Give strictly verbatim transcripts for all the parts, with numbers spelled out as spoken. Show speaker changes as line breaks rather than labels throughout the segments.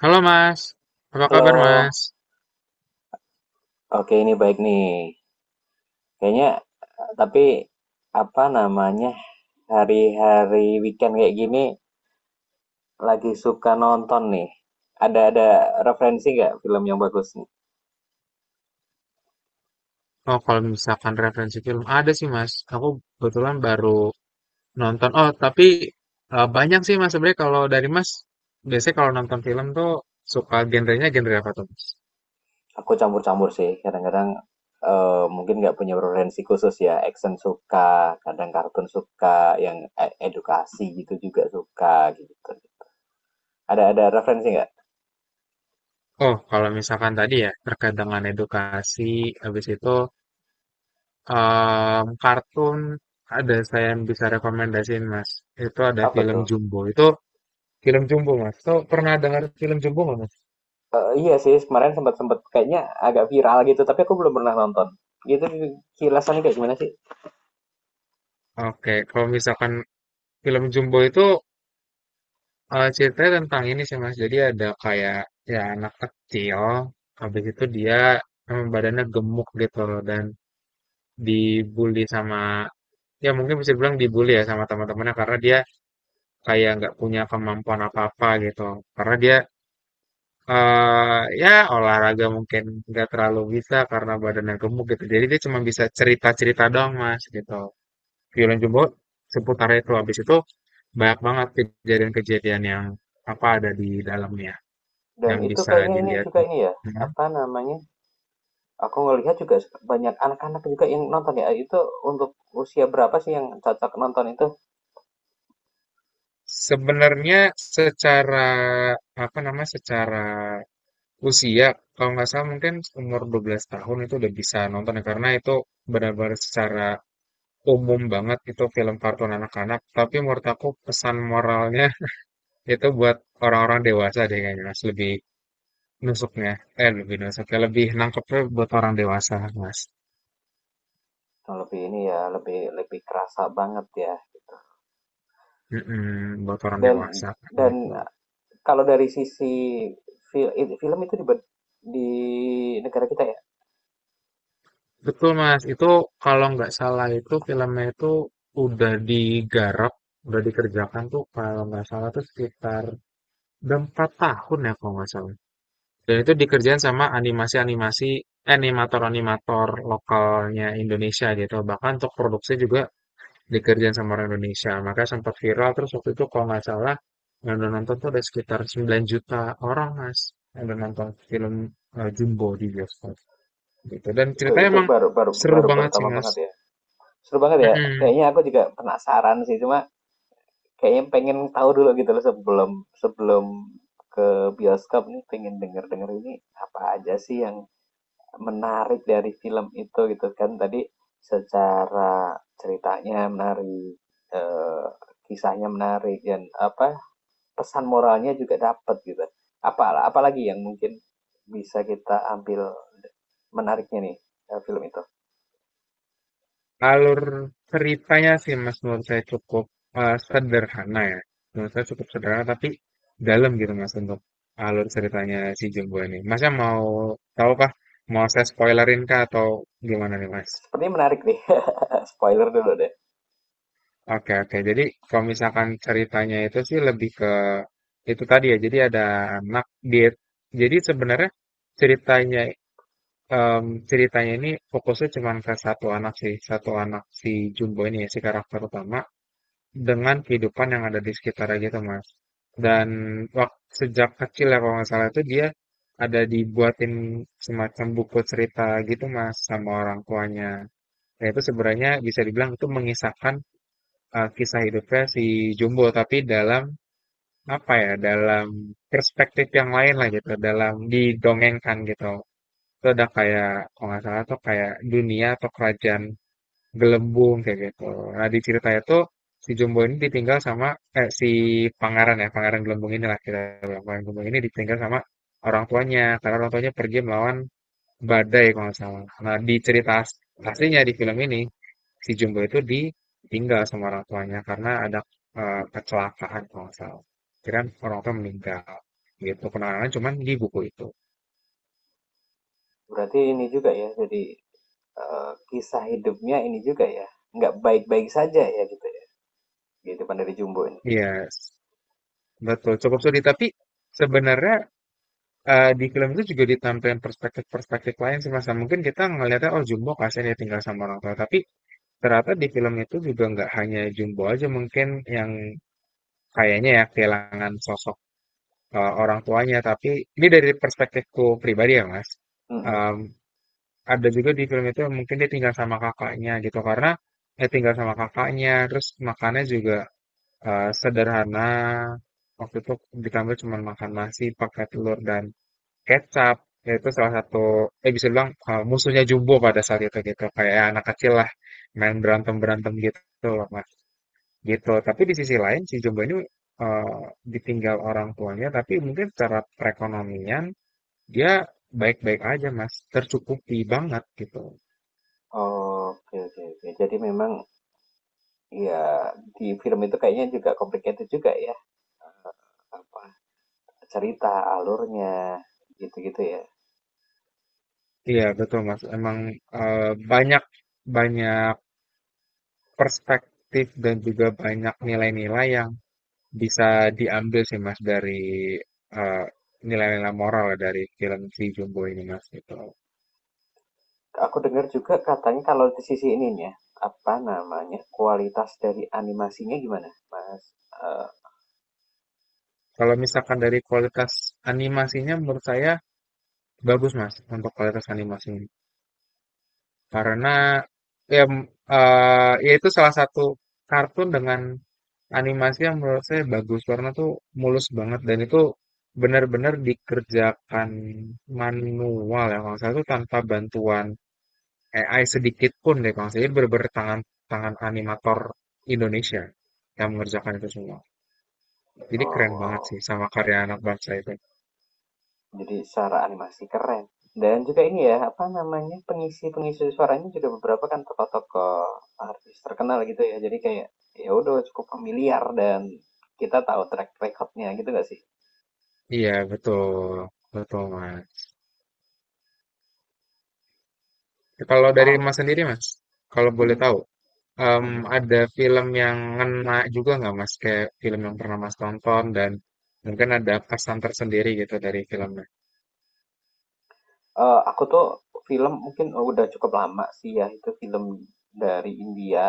Halo Mas, apa kabar
Halo.
Mas?
Oke, ini baik nih. Kayaknya, eee, tapi apa namanya, hari-hari weekend kayak gini lagi suka nonton nih. Ada ada referensi nggak film yang bagus nih?
Oh kalau misalkan referensi film ada sih Mas, aku kebetulan baru nonton. Oh tapi eh, banyak sih Mas sebenarnya kalau dari Mas biasanya kalau nonton film tuh suka genrenya genre apa tuh Mas?
Aku campur-campur sih, kadang-kadang, eee, mungkin nggak punya referensi khusus ya, action suka, kadang kartun suka, yang e edukasi gitu juga suka, gitu. Ada ada referensi nggak?
Oh kalau misalkan tadi ya terkait dengan edukasi, habis itu em, kartun ada saya yang bisa rekomendasiin Mas. Itu ada
Apa
film
tuh?
Jumbo. Itu film Jumbo Mas. Tuh pernah dengar film Jumbo nggak Mas?
Eee, iya sih, kemarin sempat-sempat kayaknya agak viral gitu, tapi aku belum pernah nonton. Itu kilasannya kayak gimana sih?
Oke, kalau misalkan film Jumbo itu Eh, ceritanya tentang ini sih Mas. Jadi ada kayak ya anak kecil, habis itu dia em, badannya gemuk gitu loh dan dibully sama ya mungkin bisa bilang dibully ya sama teman-temannya karena dia kayak nggak punya kemampuan apa-apa gitu. Karena dia eh ya olahraga mungkin nggak terlalu bisa karena badannya gemuk gitu. Jadi dia cuma bisa cerita-cerita doang Mas gitu. Violen Jumbo seputar itu habis itu banyak banget kejadian-kejadian yang apa ada di dalamnya
Dan
yang
itu
bisa
kayaknya ini
dilihat
juga
gitu.
ini ya,
Mhm.
apa namanya, aku ngelihat juga banyak anak-anak juga yang nonton ya, itu untuk usia berapa sih yang cocok nonton itu?
Sebenarnya secara apa namanya secara usia kalau nggak salah mungkin umur dua belas tahun itu udah bisa nonton ya, karena itu benar-benar secara umum banget itu film kartun anak-anak tapi menurut aku pesan moralnya itu buat orang-orang dewasa deh kayaknya Mas lebih nusuknya eh lebih nusuknya lebih nangkepnya buat orang dewasa Mas
Oh, lebih ini ya, lebih lebih kerasa banget ya.
mm buat orang
Dan
dewasa
dan
gitu.
kalau dari sisi fil id film itu di bed di negara kita ya,
Betul Mas, itu kalau nggak salah itu filmnya itu udah digarap, udah dikerjakan tuh kalau nggak salah tuh sekitar udah empat tahun ya kalau nggak salah. Dan itu dikerjain sama animasi-animasi animator-animator lokalnya Indonesia gitu. Bahkan untuk produksi juga dikerjain sama orang Indonesia. Maka sempat viral terus waktu itu kalau nggak salah yang udah nonton tuh ada sekitar sembilan juta orang Mas yang udah nonton film eh, Jumbo di bioskop gitu. Dan
itu
ceritanya
itu
emang
baru baru
seru
baru
banget sih
pertama
Mas.
banget ya. Seru banget ya,
Mhm.
kayaknya aku juga penasaran sih, cuma kayaknya pengen tahu dulu gitu loh sebelum sebelum ke bioskop nih pengen denger-denger ini apa aja sih yang menarik dari film itu gitu kan tadi secara ceritanya menarik, eh, kisahnya menarik dan apa pesan moralnya juga dapat gitu, apa apalagi yang mungkin bisa kita ambil menariknya nih, eh, film itu
Alur ceritanya sih Mas menurut saya cukup, eee, sederhana ya. Menurut saya cukup sederhana tapi dalam gitu Mas untuk alur ceritanya si jumbo ini. Masnya mau tahu kah? Mau saya spoilerin kah atau gimana nih Mas?
sepertinya menarik nih spoiler dulu deh.
Oke oke. Jadi kalau misalkan ceritanya itu sih lebih ke itu tadi ya, jadi ada anak dia jadi sebenarnya ceritanya, mmm, ceritanya ini fokusnya cuma ke satu anak sih, satu anak si jumbo ini ya, si karakter utama. Dengan kehidupan yang ada di sekitarnya gitu, Mas. Dan waktu sejak kecil ya kalau nggak salah itu dia ada dibuatin semacam buku cerita gitu, Mas, sama orang tuanya. Nah, itu sebenarnya bisa dibilang itu mengisahkan, eee, kisah hidupnya si Jumbo, tapi dalam apa ya, dalam perspektif yang lain lah gitu, dalam didongengkan gitu. Itu ada kayak kalau nggak salah tuh kayak dunia atau kerajaan gelembung kayak gitu. Nah di cerita itu si Jumbo ini ditinggal sama eh, si pangeran ya pangeran Gelembung inilah kita bilang pangeran Gelembung ini ditinggal sama orang tuanya karena orang tuanya pergi melawan badai kalau nggak salah. Nah di cerita as- aslinya di film ini si Jumbo itu ditinggal sama orang tuanya karena ada eh, kecelakaan kalau nggak salah. Jadi kan orang tua meninggal gitu kenangan cuman di buku itu.
Berarti ini juga ya, jadi eh, kisah hidupnya ini juga ya nggak baik-baik saja ya gitu ya, kehidupan dari Jumbo ini.
Iya betul cukup sulit tapi sebenarnya Eee, di film itu juga ditampilkan perspektif-perspektif lain sih, Mas, ya mungkin kita ngelihatnya, "Oh, Jumbo kasihan ya tinggal sama orang tua," tapi ternyata di film itu juga nggak hanya Jumbo aja mungkin yang kayaknya ya kehilangan sosok, eee, orang tuanya, tapi ini dari perspektifku pribadi ya, Mas,
Mm-mm.
mmm, ada juga di film itu yang mungkin dia tinggal sama kakaknya gitu karena ya tinggal sama kakaknya, terus makannya juga, eee, sederhana, waktu itu ditambah cuma makan nasi pakai telur dan kecap. Ya, itu salah satu, eh bisa bilang uh, musuhnya Jumbo pada saat itu gitu. Kayak ya, anak kecil lah, main berantem-berantem gitu loh mas. Gitu. Tapi di sisi lain si Jumbo ini uh, ditinggal orang tuanya, tapi mungkin secara perekonomian dia baik-baik aja mas, tercukupi banget gitu.
Oh, oke oke oke, jadi memang ya di film itu kayaknya juga complicated juga ya, apa, cerita alurnya gitu-gitu ya.
Iya betul mas, emang uh, banyak banyak perspektif dan juga banyak nilai-nilai yang bisa diambil sih Mas dari eh, nilai-nilai moral ya dari film si Jumbo ini Mas gitu.
Aku dengar juga katanya kalau di sisi ininya apa namanya kualitas dari animasinya gimana Mas? Eh,
Kalau misalkan dari kualitas animasinya menurut saya bagus Mas untuk kualitas animasinya. Karena ya, m- eh, ya itu salah satu kartun dengan animasi yang menurut saya bagus karena tuh mulus banget dan itu benar-benar dikerjakan manual ya kalau saya tuh tanpa bantuan A I sedikit pun deh Kang. Jadi bener tangan tangan animator Indonesia yang mengerjakan itu semua.
oh,
Jadi keren banget
oh,
sih sama karya anak bangsa itu.
jadi secara animasi keren. Dan juga ini ya, apa namanya, pengisi-pengisi suaranya juga beberapa kan tokoh-tokoh artis terkenal gitu ya. Jadi kayak ya udah cukup familiar dan kita tahu track recordnya gitu gak sih?
Iya betul, betul Mas. Kalau dari
Kalau
Mas sendiri Mas, kalau boleh
mm-mm,
tahu, em,
mm-mm.
ada film yang ngena juga nggak Mas? Kayak film yang pernah Mas tonton dan mungkin ada kesan tersendiri gitu dari filmnya.
Eh, aku tuh film mungkin oh, udah cukup lama sih ya, itu film dari India,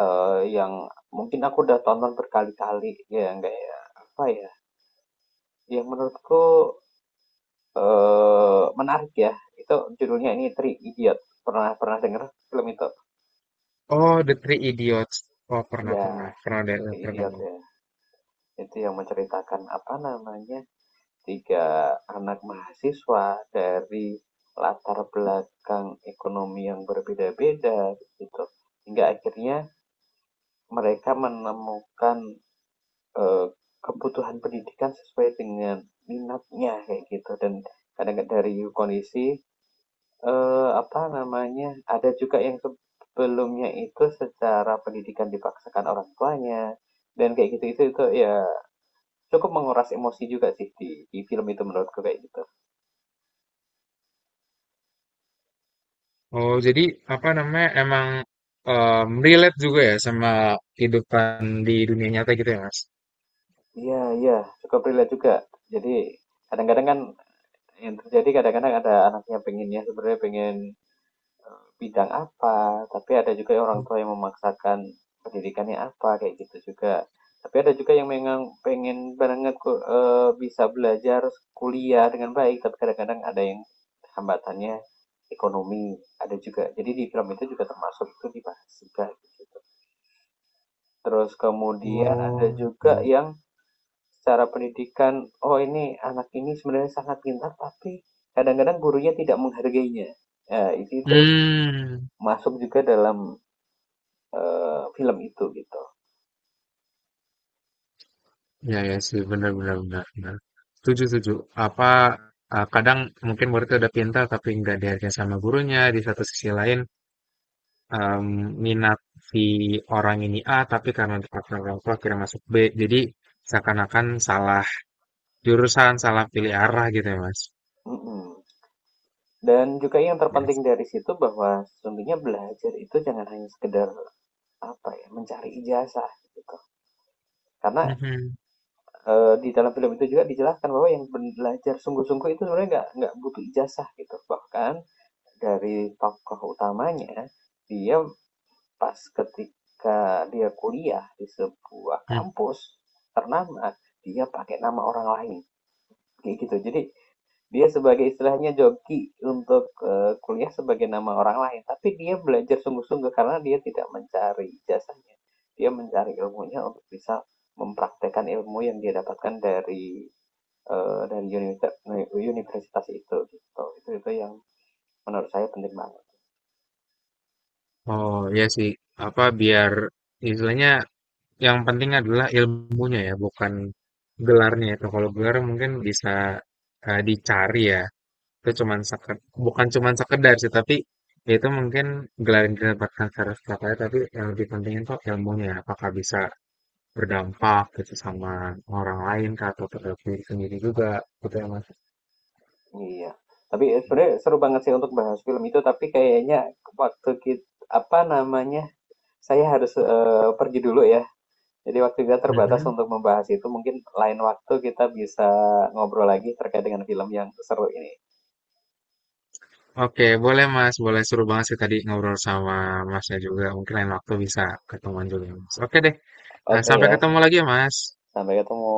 eh, yang mungkin aku udah tonton berkali-kali ya nggak ya apa ya, yang menurutku, eee, menarik ya. Itu judulnya ini Three Idiots. Pernah pernah denger film itu?
Oh, The Three Idiots. Oh pernah
Ya,
pernah pernah ada
Three
pernah
Idiots
dengar.
ya. Itu yang menceritakan apa namanya, tiga anak mahasiswa dari latar belakang ekonomi yang berbeda-beda gitu. Hingga akhirnya mereka menemukan, eee, kebutuhan pendidikan sesuai dengan minatnya kayak gitu dan kadang kadang dari kondisi Eee, apa namanya, ada juga yang sebelumnya itu secara pendidikan dipaksakan orang tuanya, dan kayak gitu itu itu ya cukup menguras emosi juga sih di di film itu menurutku kayak gitu.
Oh, jadi apa namanya emang em, relate juga ya sama kehidupan di dunia nyata gitu ya, Mas?
Iya iya, cukup relate juga. Jadi kadang-kadang kan yang terjadi kadang-kadang ada anaknya pengennya sebenarnya pengen bidang apa, tapi ada juga orang tua yang memaksakan pendidikannya apa, kayak gitu juga. Tapi ada juga yang memang pengen banget ku- eh, bisa belajar kuliah dengan baik, tapi kadang-kadang ada yang hambatannya ekonomi, ada juga. Jadi di film itu juga termasuk itu dibahas juga gitu. Terus kemudian ada
Oh,
juga
oke.
yang secara pendidikan, oh ini anak ini sebenarnya sangat pintar, tapi kadang-kadang gurunya tidak menghargainya. Ya, itu itu
Hmm,
masuk juga dalam, eh, film itu gitu.
ya ya sih benar benar benar. Benar. Setuju setuju. Apa eh, kadang mungkin murid udah pintar tapi nggak dihargai sama gurunya. Di satu sisi lain em, minat si orang ini A tapi karena dipaksa orang tua akhirnya masuk B. Jadi seakan-akan salah jurusan, salah pilih arah gitu ya Mas.
Mm-mm. Dan juga yang terpenting
Yes.
dari situ bahwa sesungguhnya belajar itu jangan hanya sekedar apa ya mencari ijazah gitu. Karena eh, di dalam film itu juga dijelaskan bahwa yang belajar sungguh-sungguh itu sebenarnya nggak nggak butuh ijazah gitu. Bahkan dari tokoh utamanya, dia pas ketika dia kuliah di sebuah
Mhm.
kampus ternama dia pakai nama orang lain kayak gitu. Jadi dia sebagai istilahnya joki untuk, eee, kuliah sebagai nama orang lain, tapi dia belajar sungguh-sungguh karena dia tidak mencari jasanya, dia mencari ilmunya untuk bisa mempraktekkan ilmu yang dia dapatkan dari, eee, dari univers universitas itu, gitu. Itu itu yang menurut saya penting banget.
Oh iya sih, apa biar istilahnya yang penting adalah ilmunya ya, bukan gelarnya itu. Kalau gelar mungkin bisa eh, dicari ya. Itu cuman seked, bukan cuman sekedar sih, tapi itu mungkin gelar yang didapatkan secara setelahnya, tapi yang lebih penting itu ilmunya. Apakah bisa berdampak gitu sama orang lain kah, atau terhadap diri sendiri juga gitu ya Mas.
Iya. Tapi eh, sebenarnya seru banget sih untuk bahas film itu, tapi kayaknya waktu kita apa namanya, saya harus, eee, pergi dulu ya. Jadi waktu kita terbatas
Mhm.
untuk membahas itu. Mungkin lain waktu kita bisa ngobrol lagi terkait dengan film yang seru ini.
Oke, boleh Mas. Boleh seru banget sih tadi ngobrol sama Masnya juga. Mungkin lain waktu bisa ketemuan juga, Mas. Oke deh. Nah,
Oke
sampai
ya,
ketemu lagi ya, Mas.
sampai ketemu.